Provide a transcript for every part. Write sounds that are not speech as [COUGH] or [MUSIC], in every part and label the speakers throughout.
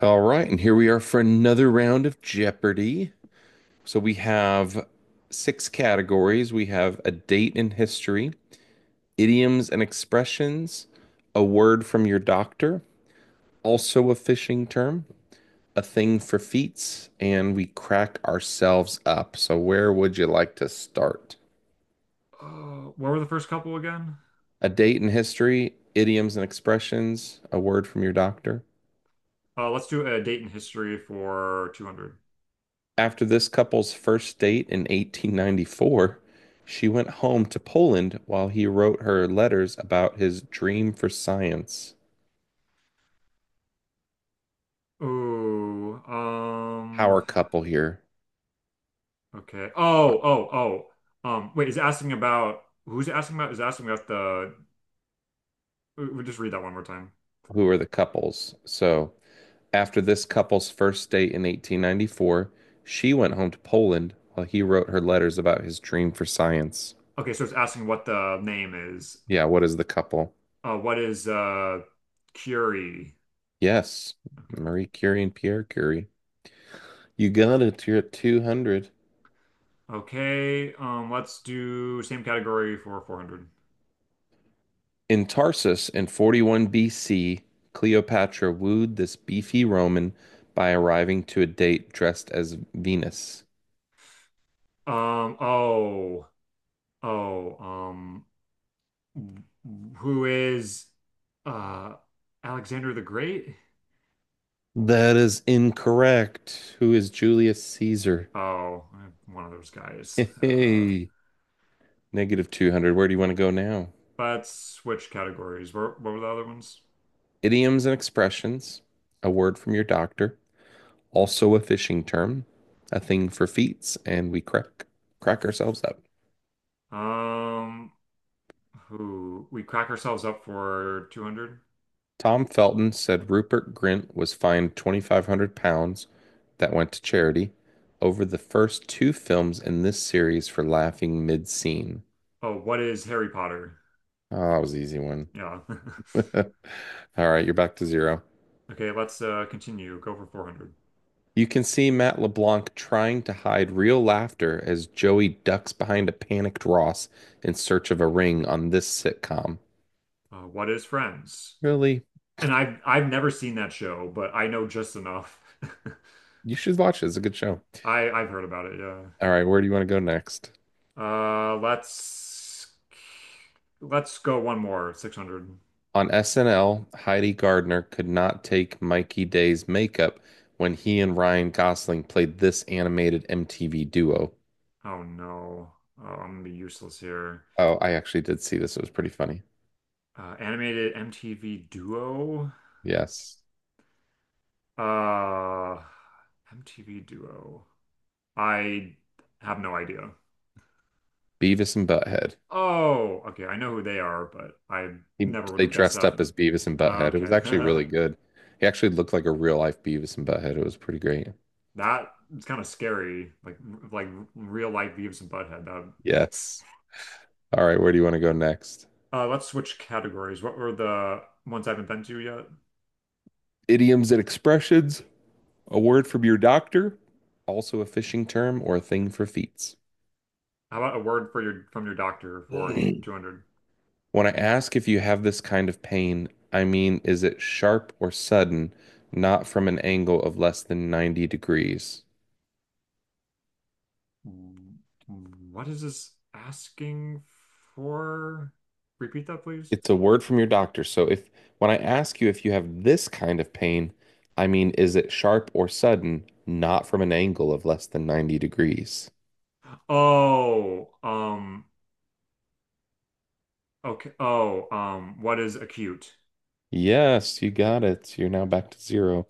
Speaker 1: All right, and here we are for another round of Jeopardy. So we have six categories. We have a date in history, idioms and expressions, a word from your doctor, also a fishing term, a thing for feats, and we crack ourselves up. So where would you like to start?
Speaker 2: Oh, what were the first couple again?
Speaker 1: A date in history, idioms and expressions, a word from your doctor.
Speaker 2: Let's do a date in history for 200.
Speaker 1: After this couple's first date in 1894, she went home to Poland while he wrote her letters about his dream for science.
Speaker 2: Oh, um,
Speaker 1: Our couple here.
Speaker 2: okay. Oh, oh. Wait, is it asking about who's it asking about? Is it asking about the We'll just read that one more time.
Speaker 1: Who are the couples? So, after this couple's first date in 1894, she went home to Poland while he wrote her letters about his dream for science.
Speaker 2: Okay, so it's asking what the name is.
Speaker 1: Yeah, what is the couple?
Speaker 2: What is Curie?
Speaker 1: Yes,
Speaker 2: Okay.
Speaker 1: Marie Curie and Pierre Curie. You got it. You're at 200.
Speaker 2: Okay, let's do same category for 400.
Speaker 1: In Tarsus in 41 BC, Cleopatra wooed this beefy Roman by arriving to a date dressed as Venus.
Speaker 2: Um, oh, oh, um, who is uh Alexander the Great.
Speaker 1: That is incorrect. Who is Julius Caesar?
Speaker 2: Oh, I'm one of those guys.
Speaker 1: Hey, [LAUGHS] negative 200. Where do you want to go now?
Speaker 2: But switch categories. What were the other ones?
Speaker 1: Idioms and expressions, a word from your doctor, also a fishing term, a thing for feats, and we crack ourselves up.
Speaker 2: Um, who, we crack ourselves up for 200?
Speaker 1: Tom Felton said Rupert Grint was fined £2,500 that went to charity over the first two films in this series for laughing mid-scene.
Speaker 2: Oh, what is Harry Potter?
Speaker 1: Oh, that was an easy one.
Speaker 2: Yeah. [LAUGHS]
Speaker 1: [LAUGHS] All right, you're back to zero.
Speaker 2: Okay, let's continue. Go for 400.
Speaker 1: You can see Matt LeBlanc trying to hide real laughter as Joey ducks behind a panicked Ross in search of a ring on this sitcom.
Speaker 2: What is Friends?
Speaker 1: Really?
Speaker 2: And I've never seen that show, but I know just enough. [LAUGHS]
Speaker 1: You should watch it. It's a good show.
Speaker 2: I've heard about it, yeah.
Speaker 1: All right, where do you want to go next?
Speaker 2: Let's let's go one more. 600.
Speaker 1: On SNL, Heidi Gardner could not take Mikey Day's makeup when he and Ryan Gosling played this animated MTV duo.
Speaker 2: Oh no. Oh, I'm gonna be useless here.
Speaker 1: Oh, I actually did see this. It was pretty funny.
Speaker 2: Animated MTV duo.
Speaker 1: Yes.
Speaker 2: Uh, MTV duo. I have no idea.
Speaker 1: Beavis and Butthead.
Speaker 2: Oh, okay. I know who they are, but I never would
Speaker 1: They
Speaker 2: have guessed
Speaker 1: dressed
Speaker 2: that.
Speaker 1: up as Beavis and
Speaker 2: Oh,
Speaker 1: Butthead. It was
Speaker 2: okay.
Speaker 1: actually really
Speaker 2: [LAUGHS]
Speaker 1: good. He actually looked like a real life Beavis and Butthead. It was pretty great.
Speaker 2: That is kind of scary. Like real life Beavis and Butthead. That
Speaker 1: Yes.
Speaker 2: [LAUGHS]
Speaker 1: All right, where do you want to go next?
Speaker 2: Let's switch categories. What were the ones I haven't been to yet?
Speaker 1: Idioms and expressions, a word from your doctor, also a fishing term or a thing for feats.
Speaker 2: How about a word for your from your doctor for
Speaker 1: [CLEARS THROAT]
Speaker 2: 200?
Speaker 1: When I ask if you have this kind of pain, I mean, is it sharp or sudden, not from an angle of less than 90 degrees?
Speaker 2: Mm, what is this asking for? Repeat that, please.
Speaker 1: It's a word from your doctor. So if when I ask you if you have this kind of pain, I mean, is it sharp or sudden, not from an angle of less than 90 degrees?
Speaker 2: Oh, um, okay. Oh, what is acute?
Speaker 1: Yes, you got it. You're now back to zero.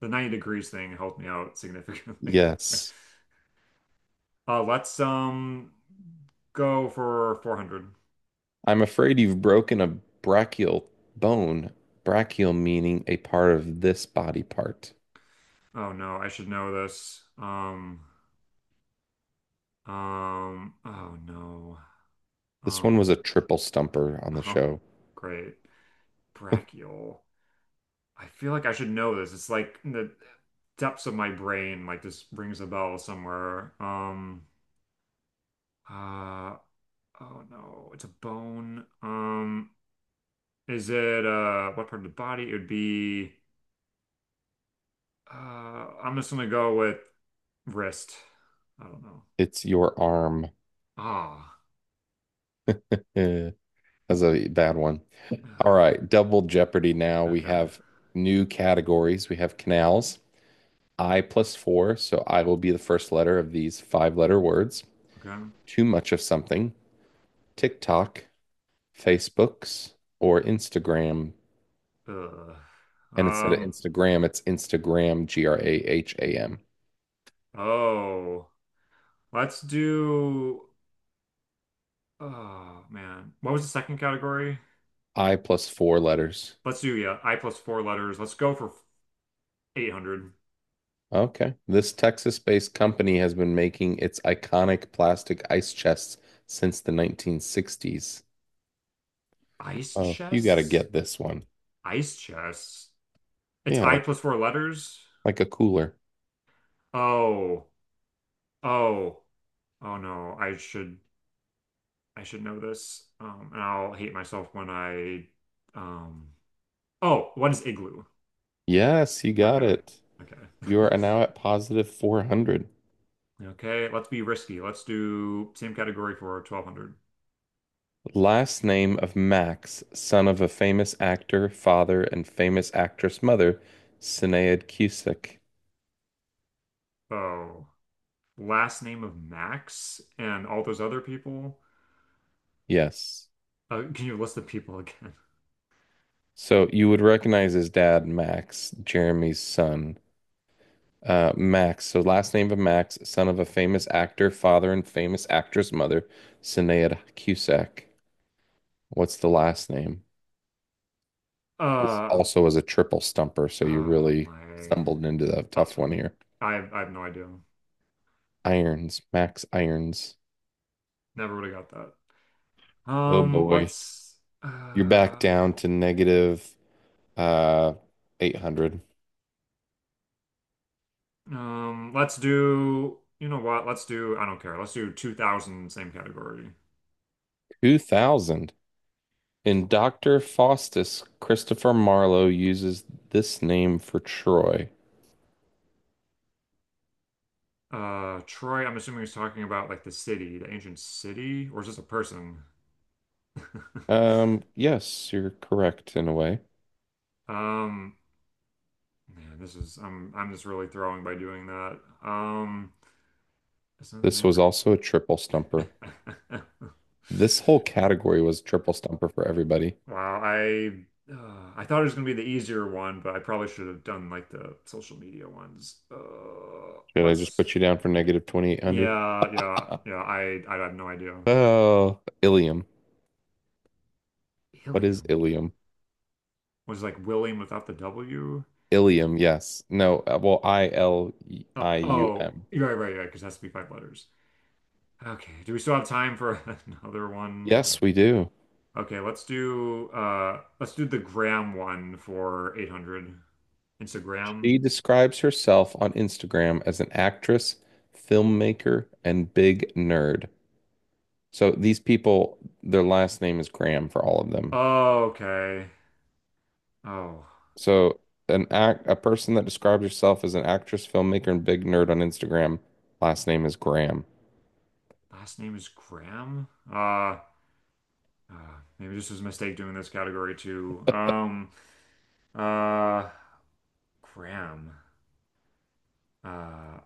Speaker 2: The 90 degrees thing helped me out significantly. [LAUGHS]
Speaker 1: Yes.
Speaker 2: Let's go for 400.
Speaker 1: I'm afraid you've broken a brachial bone. Brachial meaning a part of this body part.
Speaker 2: Oh no, I should know this. Oh no.
Speaker 1: This one was
Speaker 2: Um,
Speaker 1: a triple stumper on the
Speaker 2: Oh,
Speaker 1: show.
Speaker 2: great. Brachial. I feel like I should know this. It's like in the depths of my brain, like this rings a bell somewhere. Uh, oh no, it's a bone. Is it what part of the body? It would be uh I'm just gonna go with wrist. I don't know.
Speaker 1: It's your arm.
Speaker 2: Ah.
Speaker 1: Eh, that's a bad one. All
Speaker 2: [SIGHS]
Speaker 1: right, double jeopardy now. We
Speaker 2: Okay.
Speaker 1: have new categories. We have canals, I plus four. So I will be the first letter of these five letter words.
Speaker 2: Okay.
Speaker 1: Too much of something, TikTok, Facebooks, or Instagram.
Speaker 2: Ugh.
Speaker 1: And instead of
Speaker 2: Um,
Speaker 1: Instagram, it's Instagram, Graham.
Speaker 2: oh, let's do oh man. What was the second category?
Speaker 1: I plus four letters.
Speaker 2: Let's do yeah, I plus four letters. Let's go for 800.
Speaker 1: Okay. This Texas-based company has been making its iconic plastic ice chests since the 1960s.
Speaker 2: Ice
Speaker 1: Oh, you got to
Speaker 2: chests?
Speaker 1: get this one.
Speaker 2: Ice chests. It's
Speaker 1: Yeah,
Speaker 2: I
Speaker 1: like
Speaker 2: plus four letters.
Speaker 1: like a cooler.
Speaker 2: Oh. Oh. Oh no. I should know this. And I'll hate myself when I um oh, what is igloo?
Speaker 1: Yes, you got
Speaker 2: Okay.
Speaker 1: it.
Speaker 2: Okay.
Speaker 1: You are
Speaker 2: [LAUGHS]
Speaker 1: now at positive 400.
Speaker 2: Okay, let's be risky. Let's do same category for 1200.
Speaker 1: Last name of Max, son of a famous actor, father, and famous actress mother, Sinead Cusick.
Speaker 2: Oh. Last name of Max and all those other people.
Speaker 1: Yes.
Speaker 2: [LAUGHS] Can you list the people again?
Speaker 1: So you would recognize his dad, Max, Jeremy's son. Max. So last name of Max, son of a famous actor, father and famous actress mother, Sinead Cusack. What's the last name? This
Speaker 2: Uh,
Speaker 1: also was a triple stumper, so you
Speaker 2: oh
Speaker 1: really
Speaker 2: my.
Speaker 1: stumbled into the
Speaker 2: I,
Speaker 1: tough one here.
Speaker 2: I have no idea.
Speaker 1: Irons, Max Irons.
Speaker 2: Never would have got that.
Speaker 1: Oh boy. You're back
Speaker 2: Uh
Speaker 1: down to negative uh 800.
Speaker 2: let's do you know what? Let's do I don't care. Let's do 2000 same category.
Speaker 1: 2000. In Dr. Faustus, Christopher Marlowe uses this name for Troy.
Speaker 2: Troy, I'm assuming he's talking about like the city, the ancient city, or is this a person? [LAUGHS]
Speaker 1: Yes, you're correct in a way.
Speaker 2: Um, Man, this is I'm just really throwing by doing that. That's another
Speaker 1: This
Speaker 2: name
Speaker 1: was
Speaker 2: for
Speaker 1: also a triple stumper. This whole
Speaker 2: [LAUGHS]
Speaker 1: category was triple stumper for everybody.
Speaker 2: Wow, I thought it was gonna be the easier one, but I probably should have done like the social media ones. Uh,
Speaker 1: Should I just
Speaker 2: let's
Speaker 1: put you down for negative 2,800?
Speaker 2: yeah, yeah,
Speaker 1: [LAUGHS]
Speaker 2: yeah. I have no idea.
Speaker 1: Oh, Ilium. What is
Speaker 2: Ilium
Speaker 1: Ilium?
Speaker 2: was like William without the W.
Speaker 1: Ilium, yes. No, well, I L I U
Speaker 2: Oh,
Speaker 1: M.
Speaker 2: you're right. Because it has to be five letters. Okay. Do we still have time for [LAUGHS] another one?
Speaker 1: Yes, we do.
Speaker 2: Or okay, let's do let's do the gram one for 800 Instagram.
Speaker 1: She describes herself on Instagram as an actress, filmmaker, and big nerd. So these people, their last name is Graham for all of them.
Speaker 2: Oh, okay. Oh.
Speaker 1: So an act a person that describes herself as an actress, filmmaker, and big nerd on Instagram. Last name is Graham.
Speaker 2: Last name is Graham. Uh Maybe this is a mistake doing this category too. Uh, Graham. Uh,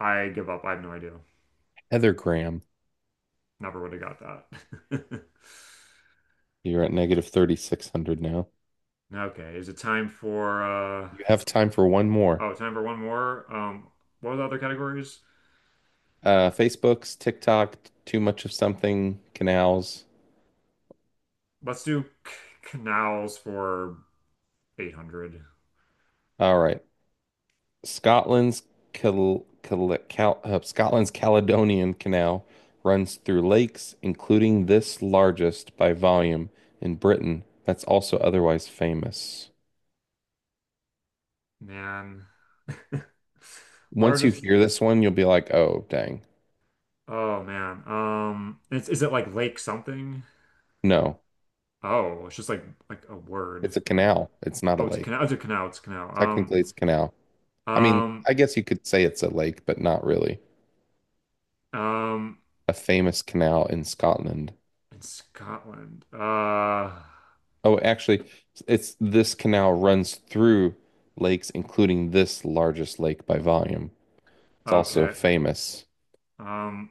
Speaker 2: I give up. I have no idea.
Speaker 1: Heather Graham.
Speaker 2: Never would have got that. [LAUGHS]
Speaker 1: You're at negative 3,600 now.
Speaker 2: Okay, is it time for
Speaker 1: You have time for one more.
Speaker 2: oh, time for one more? What are the other categories?
Speaker 1: Facebook's TikTok, too much of something, canals.
Speaker 2: Let's do c canals for 800.
Speaker 1: All right. Scotland's Scotland's Caledonian Canal runs through lakes, including this largest by volume in Britain, that's also otherwise famous.
Speaker 2: Man. [LAUGHS]
Speaker 1: Once you
Speaker 2: Largest
Speaker 1: hear this one, you'll be like, oh, dang.
Speaker 2: oh man. It's, is it like lake something?
Speaker 1: No,
Speaker 2: Oh, it's just like a word,
Speaker 1: it's a
Speaker 2: bro.
Speaker 1: canal. It's not a
Speaker 2: Oh, it's a
Speaker 1: lake.
Speaker 2: canal. It's a canal.
Speaker 1: Technically, it's a canal.
Speaker 2: Um,
Speaker 1: I mean,
Speaker 2: um,
Speaker 1: I guess you could say it's a lake, but not really.
Speaker 2: um,
Speaker 1: A famous canal in Scotland.
Speaker 2: in Scotland.
Speaker 1: Oh, actually, it's this canal runs through lakes, including this largest lake by volume. It's also
Speaker 2: Okay.
Speaker 1: famous.
Speaker 2: Um,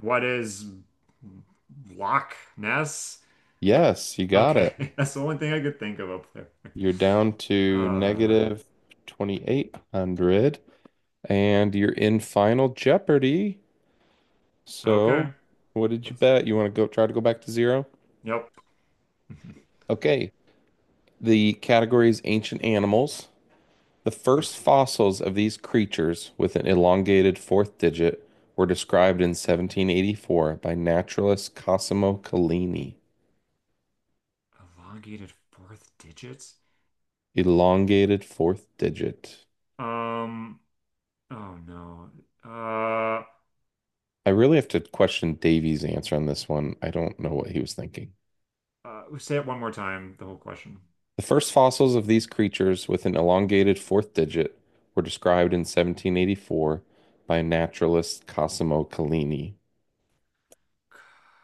Speaker 2: what is Loch Ness?
Speaker 1: Yes, you got it.
Speaker 2: Okay, [LAUGHS] that's the only thing I could think of up there.
Speaker 1: You're down to
Speaker 2: Uh,
Speaker 1: negative 2,800, and you're in Final Jeopardy. So,
Speaker 2: okay.
Speaker 1: what did you
Speaker 2: That's
Speaker 1: bet? You want to go try to go back to zero?
Speaker 2: yep. [LAUGHS]
Speaker 1: Okay. The category is ancient animals. The
Speaker 2: Okay.
Speaker 1: first fossils of these creatures with an elongated fourth digit were described in 1784 by naturalist Cosimo Collini.
Speaker 2: Elongated fourth digits.
Speaker 1: Elongated fourth digit.
Speaker 2: Um. Oh no. Uh.
Speaker 1: I really have to question Davy's answer on this one. I don't know what he was thinking.
Speaker 2: Say it one more time. The whole question.
Speaker 1: The first fossils of these creatures with an elongated fourth digit were described in 1784 by naturalist Cosimo Collini.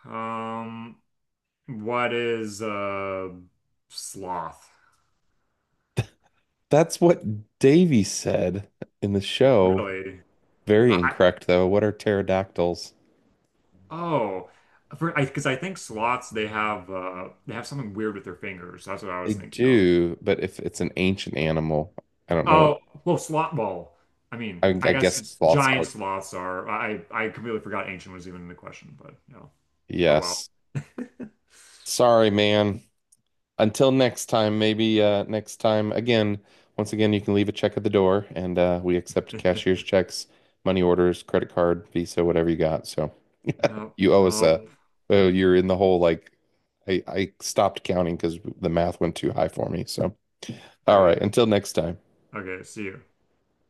Speaker 2: Um, what is sloth?
Speaker 1: That's what Davy said in the show.
Speaker 2: Really?
Speaker 1: Very
Speaker 2: I
Speaker 1: incorrect, though. What are pterodactyls?
Speaker 2: Oh, for I because I think sloths they have something weird with their fingers. That's what I
Speaker 1: They
Speaker 2: was thinking of.
Speaker 1: do, but if it's an ancient animal, I don't know.
Speaker 2: Oh, well, sloth. Well, I
Speaker 1: I,
Speaker 2: mean, I
Speaker 1: I guess
Speaker 2: guess
Speaker 1: sloths
Speaker 2: giant
Speaker 1: are.
Speaker 2: sloths are. I completely forgot ancient was even in the question, but no. Oh well.
Speaker 1: Yes. Sorry, man. Until next time, maybe next time, again, once again, you can leave a check at the door and we accept cashier's
Speaker 2: [LAUGHS]
Speaker 1: checks, money orders, credit card, Visa, whatever you got. So
Speaker 2: Oh,
Speaker 1: you owe us
Speaker 2: oh,
Speaker 1: oh, you're in the whole like, I stopped counting because the math went too high for me. So, all right,
Speaker 2: great.
Speaker 1: until next time.
Speaker 2: Okay, see you.